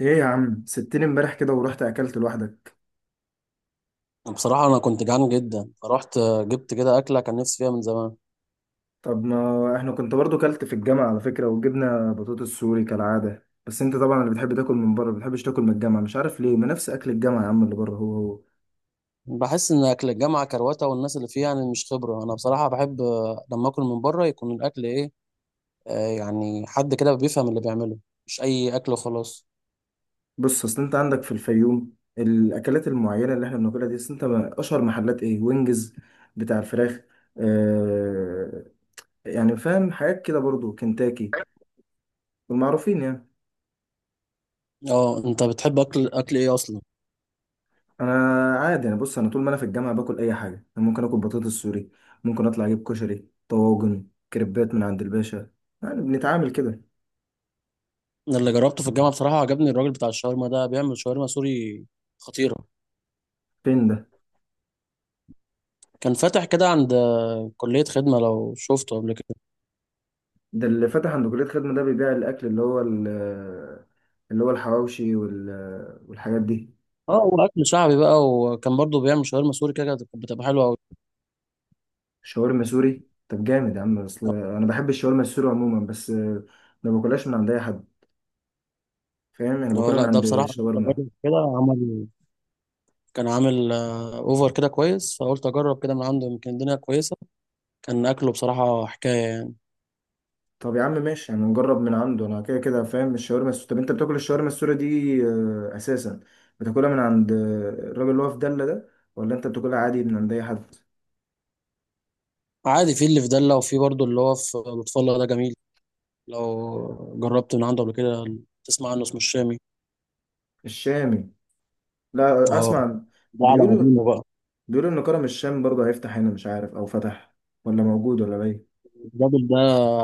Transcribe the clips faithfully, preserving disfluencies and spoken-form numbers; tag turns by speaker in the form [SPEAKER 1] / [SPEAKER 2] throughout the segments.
[SPEAKER 1] ايه يا عم سبتني امبارح كده ورحت اكلت لوحدك؟
[SPEAKER 2] بصراحة أنا كنت جعان جدا، فرحت جبت كده أكلة كان نفسي فيها من زمان.
[SPEAKER 1] طب ما احنا كنت برضو كلت في الجامعة، على فكرة، وجبنا بطاطس سوري كالعادة. بس انت طبعا اللي بتحب تاكل من بره، ما بتحبش تاكل من الجامعة، مش عارف ليه. ما نفس اكل الجامعة يا عم اللي بره، هو هو.
[SPEAKER 2] بحس إن أكل الجامعة كروتة والناس اللي فيها يعني مش خبرة. أنا بصراحة بحب لما أكل من بره يكون الأكل إيه، آه يعني حد كده بيفهم اللي بيعمله، مش أي أكل وخلاص.
[SPEAKER 1] بص، اصل انت عندك في الفيوم الاكلات المعينة اللي احنا بناكلها دي. أصل انت ما- اشهر محلات ايه؟ وينجز، بتاع الفراخ. آه، يعني فاهم حاجات كده برضو، كنتاكي والمعروفين يعني.
[SPEAKER 2] أه، أنت بتحب أكل أكل إيه أصلا؟
[SPEAKER 1] انا عادي يعني، بص، انا طول ما انا في الجامعه باكل اي حاجه. أنا ممكن اكل بطاطس سوري، ممكن اطلع اجيب كشري، طواجن، كريبات من عند الباشا. يعني بنتعامل كده.
[SPEAKER 2] أنا اللي جربته في الجامعة بصراحة عجبني الراجل بتاع الشاورما ده، بيعمل شاورما سوري خطيرة.
[SPEAKER 1] فين ده؟
[SPEAKER 2] كان فاتح كده عند كلية خدمة، لو شفته قبل كده.
[SPEAKER 1] ده اللي فتح عند كليه خدمه ده؟ بيبيع الاكل اللي هو ال- اللي هو الحواوشي وال- والحاجات دي.
[SPEAKER 2] اه، هو أكل شعبي بقى، وكان برضه بيعمل شاورما سوري كده كانت بتبقى حلوة أوي.
[SPEAKER 1] شاورما سوري، طب جامد يا عم. اصل انا بحب الشاورما السوري عموما، بس ما باكلهاش من عند اي حد، فاهم؟ يعني
[SPEAKER 2] اه
[SPEAKER 1] باكلها من
[SPEAKER 2] لا، ده
[SPEAKER 1] عند
[SPEAKER 2] بصراحة قلت
[SPEAKER 1] شاورما.
[SPEAKER 2] أجرب كده، عمل، كان عامل آه، أوفر كده كويس فقلت أجرب كده من عنده، يمكن الدنيا كويسة. كان أكله بصراحة حكاية يعني.
[SPEAKER 1] طب يا عم ماشي، يعني نجرب من عنده، انا كده كده فاهم الشاورما السوري. طب انت بتاكل الشاورما السوري دي آه، اساسا بتاكلها من عند آه، الراجل اللي هو في دلة ده، ولا انت بتاكلها عادي من عند اي حد؟
[SPEAKER 2] عادي، في اللي في دلة، وفي برضه اللي هو في لطف الله ده جميل، لو جربت من عنده قبل كده. تسمع عنه؟ اسمه الشامي.
[SPEAKER 1] الشامي؟ لا
[SPEAKER 2] اه،
[SPEAKER 1] اسمع.
[SPEAKER 2] ده على
[SPEAKER 1] بيقولوا،
[SPEAKER 2] قديمه بقى.
[SPEAKER 1] بيقولوا ان كرم الشام برضه هيفتح هنا، مش عارف او فتح ولا موجود ولا باين.
[SPEAKER 2] الراجل ده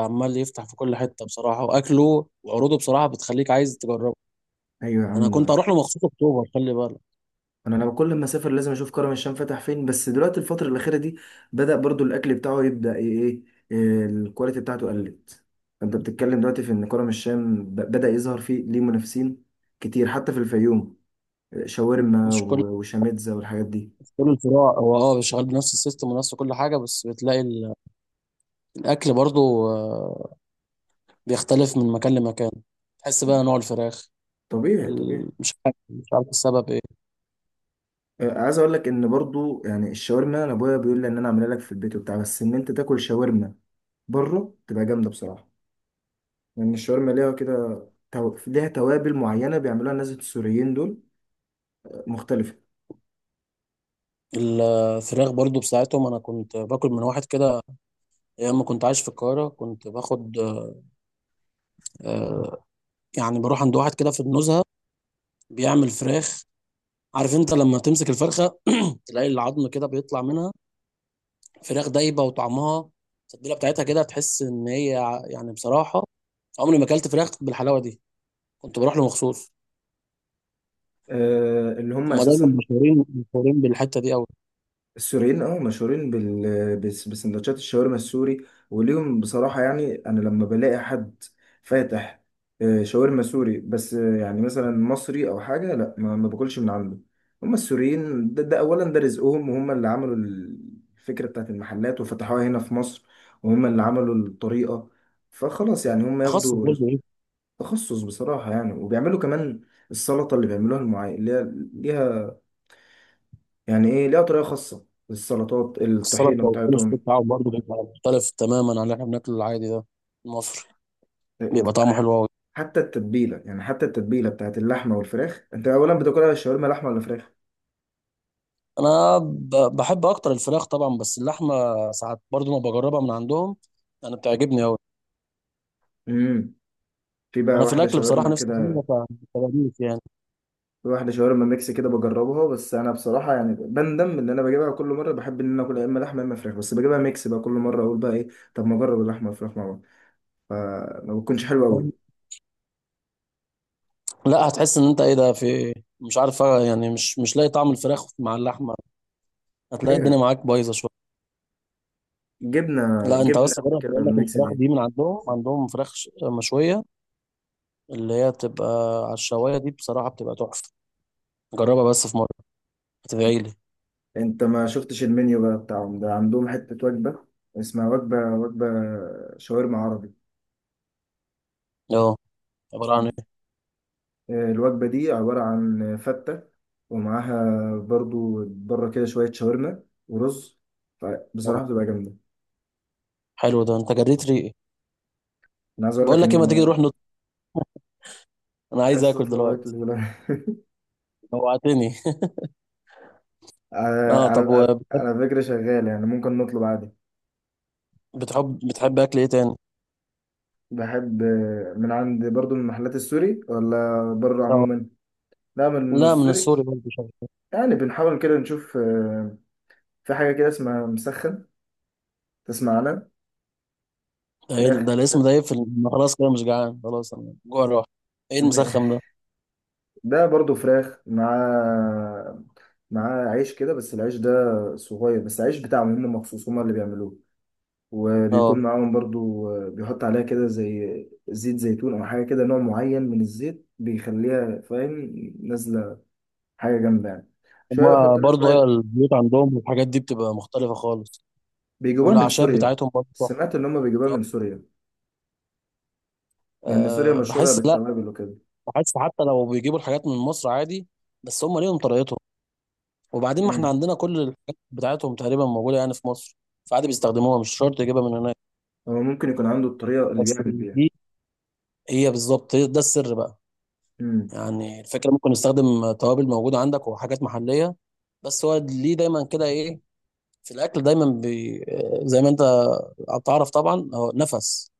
[SPEAKER 2] عمال يفتح في كل حتة بصراحة، وأكله وعروضه بصراحة بتخليك عايز تجربه.
[SPEAKER 1] ايوه يا
[SPEAKER 2] أنا
[SPEAKER 1] عم.
[SPEAKER 2] كنت أروح له مخصوص، أكتوبر خلي بالك.
[SPEAKER 1] انا انا كل ما اسافر لازم اشوف كرم الشام فتح فين، بس دلوقتي الفتره الاخيره دي بدا برضو الاكل بتاعه يبدا ايه، إيه، الكواليتي بتاعته قلت. فانت بتتكلم دلوقتي في ان كرم الشام ب- بدا يظهر فيه ليه منافسين كتير حتى في الفيوم. شاورما
[SPEAKER 2] مش كل
[SPEAKER 1] و- وشاميتزا والحاجات دي.
[SPEAKER 2] مش كل الفروع هو اه شغال بنفس السيستم ونفس كل حاجة، بس بتلاقي ال- الأكل برضه، آه، بيختلف من مكان لمكان. تحس بقى نوع الفراخ
[SPEAKER 1] طبيعي طبيعي.
[SPEAKER 2] ال- مش عارف مش عارف السبب ايه.
[SPEAKER 1] آه، عايز اقول لك ان برضو يعني الشاورما، انا ابويا بيقول لي ان انا اعملها لك في البيت وبتاع، بس ان انت تاكل شاورما بره تبقى جامده بصراحه. لان الشاورما ليها كده، تو- ليها توابل معينه بيعملوها الناس السوريين دول مختلفة.
[SPEAKER 2] الفراخ برضو بساعتهم، انا كنت باكل من واحد كده ايام ما كنت عايش في القاهره، كنت باخد، آه، يعني بروح عند واحد كده في النزهه، بيعمل فراخ. عارف انت لما تمسك الفرخه تلاقي العظم كده بيطلع منها؟ فراخ دايبه، وطعمها، التتبيله بتاعتها كده، تحس ان هي ع- يعني بصراحه عمري ما اكلت فراخ بالحلاوه دي. كنت بروح له مخصوص.
[SPEAKER 1] آه، اللي هم
[SPEAKER 2] هم دايما
[SPEAKER 1] اساسا
[SPEAKER 2] مشهورين مشهورين بالحته دي قوي.
[SPEAKER 1] السوريين، اه، مشهورين بال بس- بسندوتشات الشاورما السوري. وليهم بصراحه يعني، انا لما بلاقي حد فاتح آه، شاورما سوري، بس آه، يعني مثلا مصري او حاجه، لا ما ما باكلش من عنده. هم السوريين ده، ده اولا ده رزقهم، وهم اللي عملوا الفكره بتاعت المحلات وفتحوها هنا في مصر، وهم اللي عملوا الطريقه. فخلاص يعني هم
[SPEAKER 2] تخصص
[SPEAKER 1] ياخدوا رزق.
[SPEAKER 2] برضه.
[SPEAKER 1] تخصص بصراحه يعني، وبيعملوا كمان السلطه اللي بيعملوها المعين اللي هي ليها، يعني ايه، ليها طريقه خاصه، السلطات
[SPEAKER 2] السلطة
[SPEAKER 1] الطحينه
[SPEAKER 2] والفول الصوص
[SPEAKER 1] بتاعتهم.
[SPEAKER 2] بتاعهم برضه بيبقى مختلف تماما عن اللي احنا بناكله العادي ده المصري. بيبقى طعمه حلو قوي.
[SPEAKER 1] حتى التتبيله، يعني حتى التتبيله بتاعت اللحمه والفراخ. انت اولا بتاكلها شاورما لحمه ولا فراخ؟
[SPEAKER 2] انا ب- بحب اكتر الفراخ طبعا، بس اللحمه ساعات برضه ما بجربها من عندهم، انا بتعجبني قوي.
[SPEAKER 1] امم. في بقى
[SPEAKER 2] انا في
[SPEAKER 1] واحده
[SPEAKER 2] الاكل
[SPEAKER 1] شاورما
[SPEAKER 2] بصراحه نفسي
[SPEAKER 1] كده.
[SPEAKER 2] اعملها، فبديك يعني.
[SPEAKER 1] في واحده شاورما ميكس كده بجربها، بس انا بصراحه يعني بندم ان انا بجيبها كل مره. بحب ان انا اكل يا اما لحمه يا اما فراخ، بس بجيبها ميكس بقى كل مره. اقول بقى ايه، طب ما اجرب اللحمه والفراخ مع بعض. فما بتكونش حلوه قوي.
[SPEAKER 2] لا، هتحس ان انت ايه ده، في إيه؟ مش عارف يعني، مش مش لاقي طعم الفراخ مع اللحمه، هتلاقي الدنيا
[SPEAKER 1] ايوه.
[SPEAKER 2] معاك بايظه شويه.
[SPEAKER 1] جبنه،
[SPEAKER 2] لا انت
[SPEAKER 1] جبنه
[SPEAKER 2] بس
[SPEAKER 1] قبل
[SPEAKER 2] جرب،
[SPEAKER 1] كده
[SPEAKER 2] بيقول لك
[SPEAKER 1] الميكس
[SPEAKER 2] الفراخ
[SPEAKER 1] دي.
[SPEAKER 2] دي من عندهم، عندهم فراخ ش- مشويه، اللي هي بتبقى على الشوايه دي بصراحه بتبقى تحفه. جربها بس في مره، هتدعي لي.
[SPEAKER 1] انت ما شفتش المنيو بقى بتاعهم ده؟ عندهم حتة وجبة اسمها وجبة، وجبة شاورما عربي.
[SPEAKER 2] اه، عباره عن ايه؟
[SPEAKER 1] الوجبة دي عبارة عن فتة، ومعاها برضو بره كده شوية شاورما ورز.
[SPEAKER 2] اه،
[SPEAKER 1] بصراحة بتبقى جامدة.
[SPEAKER 2] حلو ده، انت جريت ريقي.
[SPEAKER 1] أنا عايز أقول
[SPEAKER 2] بقول
[SPEAKER 1] لك
[SPEAKER 2] لك
[SPEAKER 1] إن،
[SPEAKER 2] ايه، ما تيجي نروح نط، انا عايز
[SPEAKER 1] عايز
[SPEAKER 2] اكل
[SPEAKER 1] تطلب أكل
[SPEAKER 2] دلوقتي،
[SPEAKER 1] ولا؟
[SPEAKER 2] جوعتني.
[SPEAKER 1] على،
[SPEAKER 2] اه، طب
[SPEAKER 1] على،
[SPEAKER 2] وبتحب،
[SPEAKER 1] على فكرة شغال يعني، ممكن نطلب عادي.
[SPEAKER 2] بتحب بتحب اكل ايه تاني؟
[SPEAKER 1] بحب من عند برضو من المحلات السوري، ولا بره
[SPEAKER 2] اه،
[SPEAKER 1] عموما؟ لا من
[SPEAKER 2] لا من
[SPEAKER 1] السوري.
[SPEAKER 2] السوري برضه شوية.
[SPEAKER 1] يعني بنحاول كده نشوف. في حاجة كده اسمها مسخن، تسمع عنها؟
[SPEAKER 2] ده ايه
[SPEAKER 1] فراخ.
[SPEAKER 2] ده، الاسم ده يقفل، أنا خلاص كده مش جعان، خلاص انا جوع راح. ايه المسخم ده؟
[SPEAKER 1] ده برضو فراخ مع، مع عيش كده، بس العيش ده صغير. بس العيش بتاعهم هم مخصوص هم اللي بيعملوه. وبيكون
[SPEAKER 2] اه،
[SPEAKER 1] معاهم برضو، بيحط عليها كده زي زيت زيتون أو حاجة كده، نوع معين من الزيت بيخليها فاهم، نازلة. حاجة جامدة يعني، شوية
[SPEAKER 2] هما
[SPEAKER 1] يحط لك
[SPEAKER 2] برضه هي
[SPEAKER 1] بقى.
[SPEAKER 2] البيوت عندهم والحاجات دي بتبقى مختلفه خالص.
[SPEAKER 1] بيجيبوها من
[SPEAKER 2] والاعشاب
[SPEAKER 1] سوريا.
[SPEAKER 2] بتاعتهم برضه تحفة.
[SPEAKER 1] سمعت إن هم بيجيبوها من سوريا، لأن سوريا
[SPEAKER 2] أه،
[SPEAKER 1] مشهورة
[SPEAKER 2] بحس لا،
[SPEAKER 1] بالتوابل وكده.
[SPEAKER 2] بحس حتى لو بيجيبوا الحاجات من مصر عادي، بس هم ليهم طريقتهم. وبعدين ما احنا
[SPEAKER 1] مم.
[SPEAKER 2] عندنا كل الحاجات بتاعتهم تقريبا موجوده يعني في مصر، فعادي بيستخدموها، مش شرط يجيبها من هناك.
[SPEAKER 1] هو ممكن يكون عنده الطريقة اللي
[SPEAKER 2] بس
[SPEAKER 1] بيعمل بيها.
[SPEAKER 2] دي، هي بالظبط هي- ده السر بقى.
[SPEAKER 1] مم.
[SPEAKER 2] يعني الفكره، ممكن نستخدم توابل موجوده عندك وحاجات محليه، بس هو ليه دايما كده ايه، في الاكل دايما بي، زي ما انت بتعرف طبعا، هو نفس،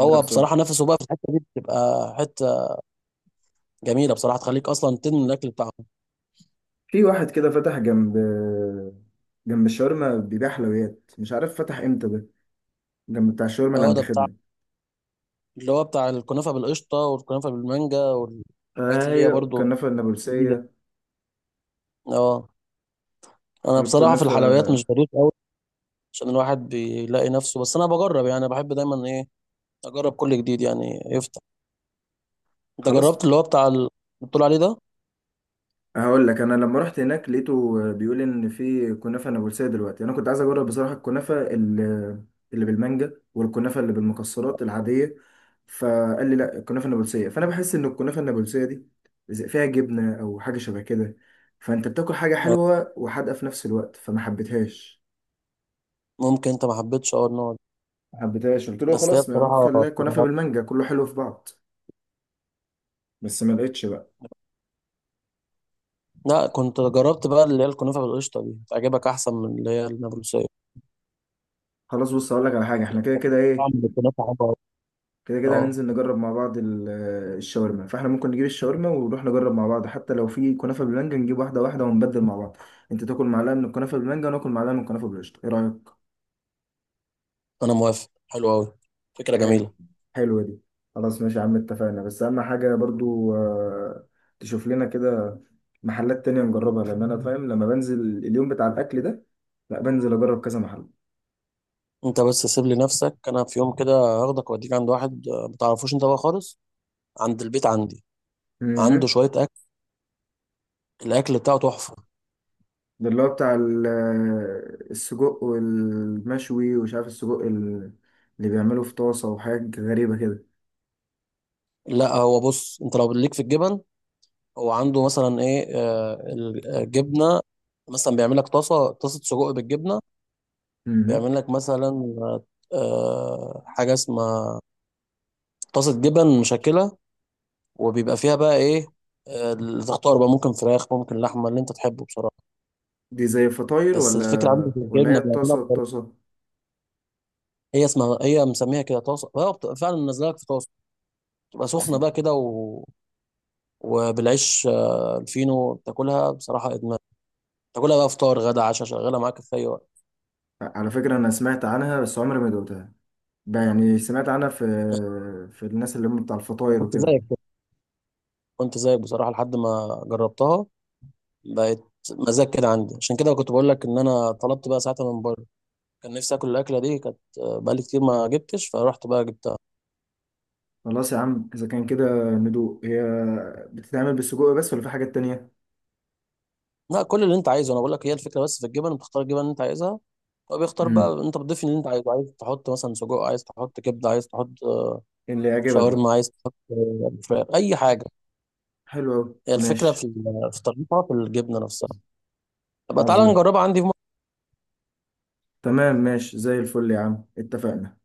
[SPEAKER 1] ده
[SPEAKER 2] بصراحه
[SPEAKER 1] بصراحة،
[SPEAKER 2] نفسه بقى في الحته دي بتبقى حته جميله بصراحه، تخليك اصلا تدمن الاكل بتاعهم.
[SPEAKER 1] في واحد كده فتح جنب، جنب الشاورما، بيبيع حلويات مش عارف فتح امتى ده. جنب بتاع الشاورما اللي
[SPEAKER 2] اه،
[SPEAKER 1] عند
[SPEAKER 2] ده بتاع
[SPEAKER 1] خدمة.
[SPEAKER 2] اللي هو بتاع الكنافه بالقشطه والكنافه بالمانجا والحاجات اللي هي
[SPEAKER 1] ايوه،
[SPEAKER 2] برضو
[SPEAKER 1] الكنافة
[SPEAKER 2] جديده.
[SPEAKER 1] النابلسية.
[SPEAKER 2] اه، انا بصراحه في
[SPEAKER 1] الكنافة،
[SPEAKER 2] الحلويات مش ظريف قوي عشان الواحد بيلاقي نفسه، بس انا بجرب يعني، بحب دايما ايه، اجرب كل جديد يعني يفتح. انت
[SPEAKER 1] خلاص.
[SPEAKER 2] جربت اللي هو بتاع ال- اللي بتقول عليه ده؟
[SPEAKER 1] هقول لك، انا لما رحت هناك لقيته بيقول ان في كنافه نابلسيه دلوقتي. انا كنت عايز اجرب بصراحه الكنافه اللي، اللي بالمانجا والكنافه اللي بالمكسرات العاديه، فقال لي لا الكنافه النابلسيه. فانا بحس ان الكنافه النابلسيه دي زي- فيها جبنه او حاجه شبه كده، فانت بتاكل حاجه
[SPEAKER 2] آه.
[SPEAKER 1] حلوه وحادقه في نفس الوقت، فما حبيتهاش.
[SPEAKER 2] ممكن انت ما حبيتش اه النوع ده.
[SPEAKER 1] ما حبيتهاش، قلت له
[SPEAKER 2] بس هي
[SPEAKER 1] خلاص ما
[SPEAKER 2] بصراحه،
[SPEAKER 1] خليها كنافه بالمانجا كله حلو في بعض. بس ما لقيتش بقى.
[SPEAKER 2] لا كنت جربت بقى اللي هي الكنافه بالقشطه دي، تعجبك احسن من اللي هي النابلسيه.
[SPEAKER 1] خلاص بص اقول لك على حاجه، احنا كده كده
[SPEAKER 2] طعم
[SPEAKER 1] ايه،
[SPEAKER 2] الكنافه حلو قوي.
[SPEAKER 1] كده كده
[SPEAKER 2] اه،
[SPEAKER 1] هننزل نجرب مع بعض ال- الشاورما. فاحنا ممكن نجيب الشاورما ونروح نجرب مع بعض. حتى لو في كنافة بالمانجا نجيب واحدة واحدة ونبدل مع بعض. انت تاكل معلقة من الكنافة بالمانجا وناكل معلقة من الكنافة بالقشطة. ايه رأيك؟
[SPEAKER 2] انا موافق، حلو قوي، فكره
[SPEAKER 1] حلو،
[SPEAKER 2] جميله.
[SPEAKER 1] حلوة دي. خلاص ماشي يا عم، اتفقنا. بس اهم حاجة برضو آه، تشوف لنا كده محلات تانية نجربها، لان انا فاهم لما بنزل اليوم بتاع الاكل ده، لا بنزل اجرب كذا محل.
[SPEAKER 2] انت بس سيب لي نفسك، انا في يوم كده هاخدك واوديك عند واحد، آه، ما تعرفوش انت بقى خالص، عند البيت عندي. عنده
[SPEAKER 1] مهم.
[SPEAKER 2] شويه اكل، الاكل بتاعه تحفه.
[SPEAKER 1] ده اللي هو بتاع ال- السجق والمشوي، ومش عارف السجق ال- اللي بيعمله في طاسة وحاجات غريبة كده.
[SPEAKER 2] لا هو بص، انت لو ليك في الجبن، هو عنده مثلا ايه، آه، الجبنه، مثلا بيعمل لك طاسه، طاسه سجق بالجبنه.
[SPEAKER 1] مهم.
[SPEAKER 2] بيعمل لك مثلا، آه، حاجه اسمها طاسه جبن مشكله، وبيبقى فيها بقى ايه، آه، اللي تختار بقى، ممكن فراخ، ممكن لحمه، اللي انت تحبه بصراحه.
[SPEAKER 1] دي زي الفطاير
[SPEAKER 2] بس
[SPEAKER 1] ولا،
[SPEAKER 2] الفكره عندك في
[SPEAKER 1] ولا هي
[SPEAKER 2] الجبنه بيعملها
[SPEAKER 1] الطاسة،
[SPEAKER 2] بطريقه.
[SPEAKER 1] الطاسة؟
[SPEAKER 2] هي اسمها، هي مسميها كده طاسه، هو بت- فعلا نازله لك في طاسه، تبقى سخنه
[SPEAKER 1] أصل،
[SPEAKER 2] بقى كده، و... وبالعيش آه، الفينو، تاكلها بصراحه ادمان. تاكلها بقى فطار، غدا، عشاء، شغاله معاك في اي وقت.
[SPEAKER 1] على فكرة أنا سمعت عنها بس عمري ما دوقتها. ب- يعني سمعت عنها في، في الناس اللي هم بتاع
[SPEAKER 2] انا
[SPEAKER 1] الفطاير
[SPEAKER 2] كنت
[SPEAKER 1] وكده.
[SPEAKER 2] زيك كده، كنت زيك بصراحه لحد ما جربتها، بقت مزاج كده عندي، عشان كده كنت بقول لك ان انا طلبت بقى ساعتها من بره، كان نفسي اكل الاكله دي كانت، آه، بقالي كتير ما جبتش، فرحت بقى جبتها.
[SPEAKER 1] خلاص يا عم إذا كان كده، ندوق. هي بتتعمل بالسجق بس، ولا في حاجات تانية؟
[SPEAKER 2] لا، كل اللي انت عايزه انا بقول لك، هي الفكره بس في الجبن، بتختار الجبن اللي انت عايزها، هو بيختار بقى،
[SPEAKER 1] مم.
[SPEAKER 2] انت بتضيف اللي انت عايزه، عايز تحط مثلا سجق، عايز تحط كبده، عايز تحط آه،
[SPEAKER 1] اللي يعجبك بقى.
[SPEAKER 2] شاورما، عايز تحط فراخ، اي حاجه.
[SPEAKER 1] حلو أوي،
[SPEAKER 2] هي الفكره
[SPEAKER 1] ماشي.
[SPEAKER 2] في ال- في طريقتها في الجبنه نفسها. طب تعالى
[SPEAKER 1] عظيم.
[SPEAKER 2] نجربها عندي في مره.
[SPEAKER 1] تمام ماشي زي الفل يا عم، اتفقنا.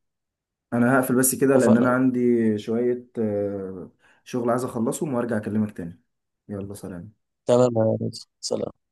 [SPEAKER 1] انا هقفل بس كده، لان انا
[SPEAKER 2] اتفقنا.
[SPEAKER 1] عندي شوية آه، شغل عايز اخلصهم وارجع اكلمك تاني. يلا سلام.
[SPEAKER 2] تمام يا ريس. سلام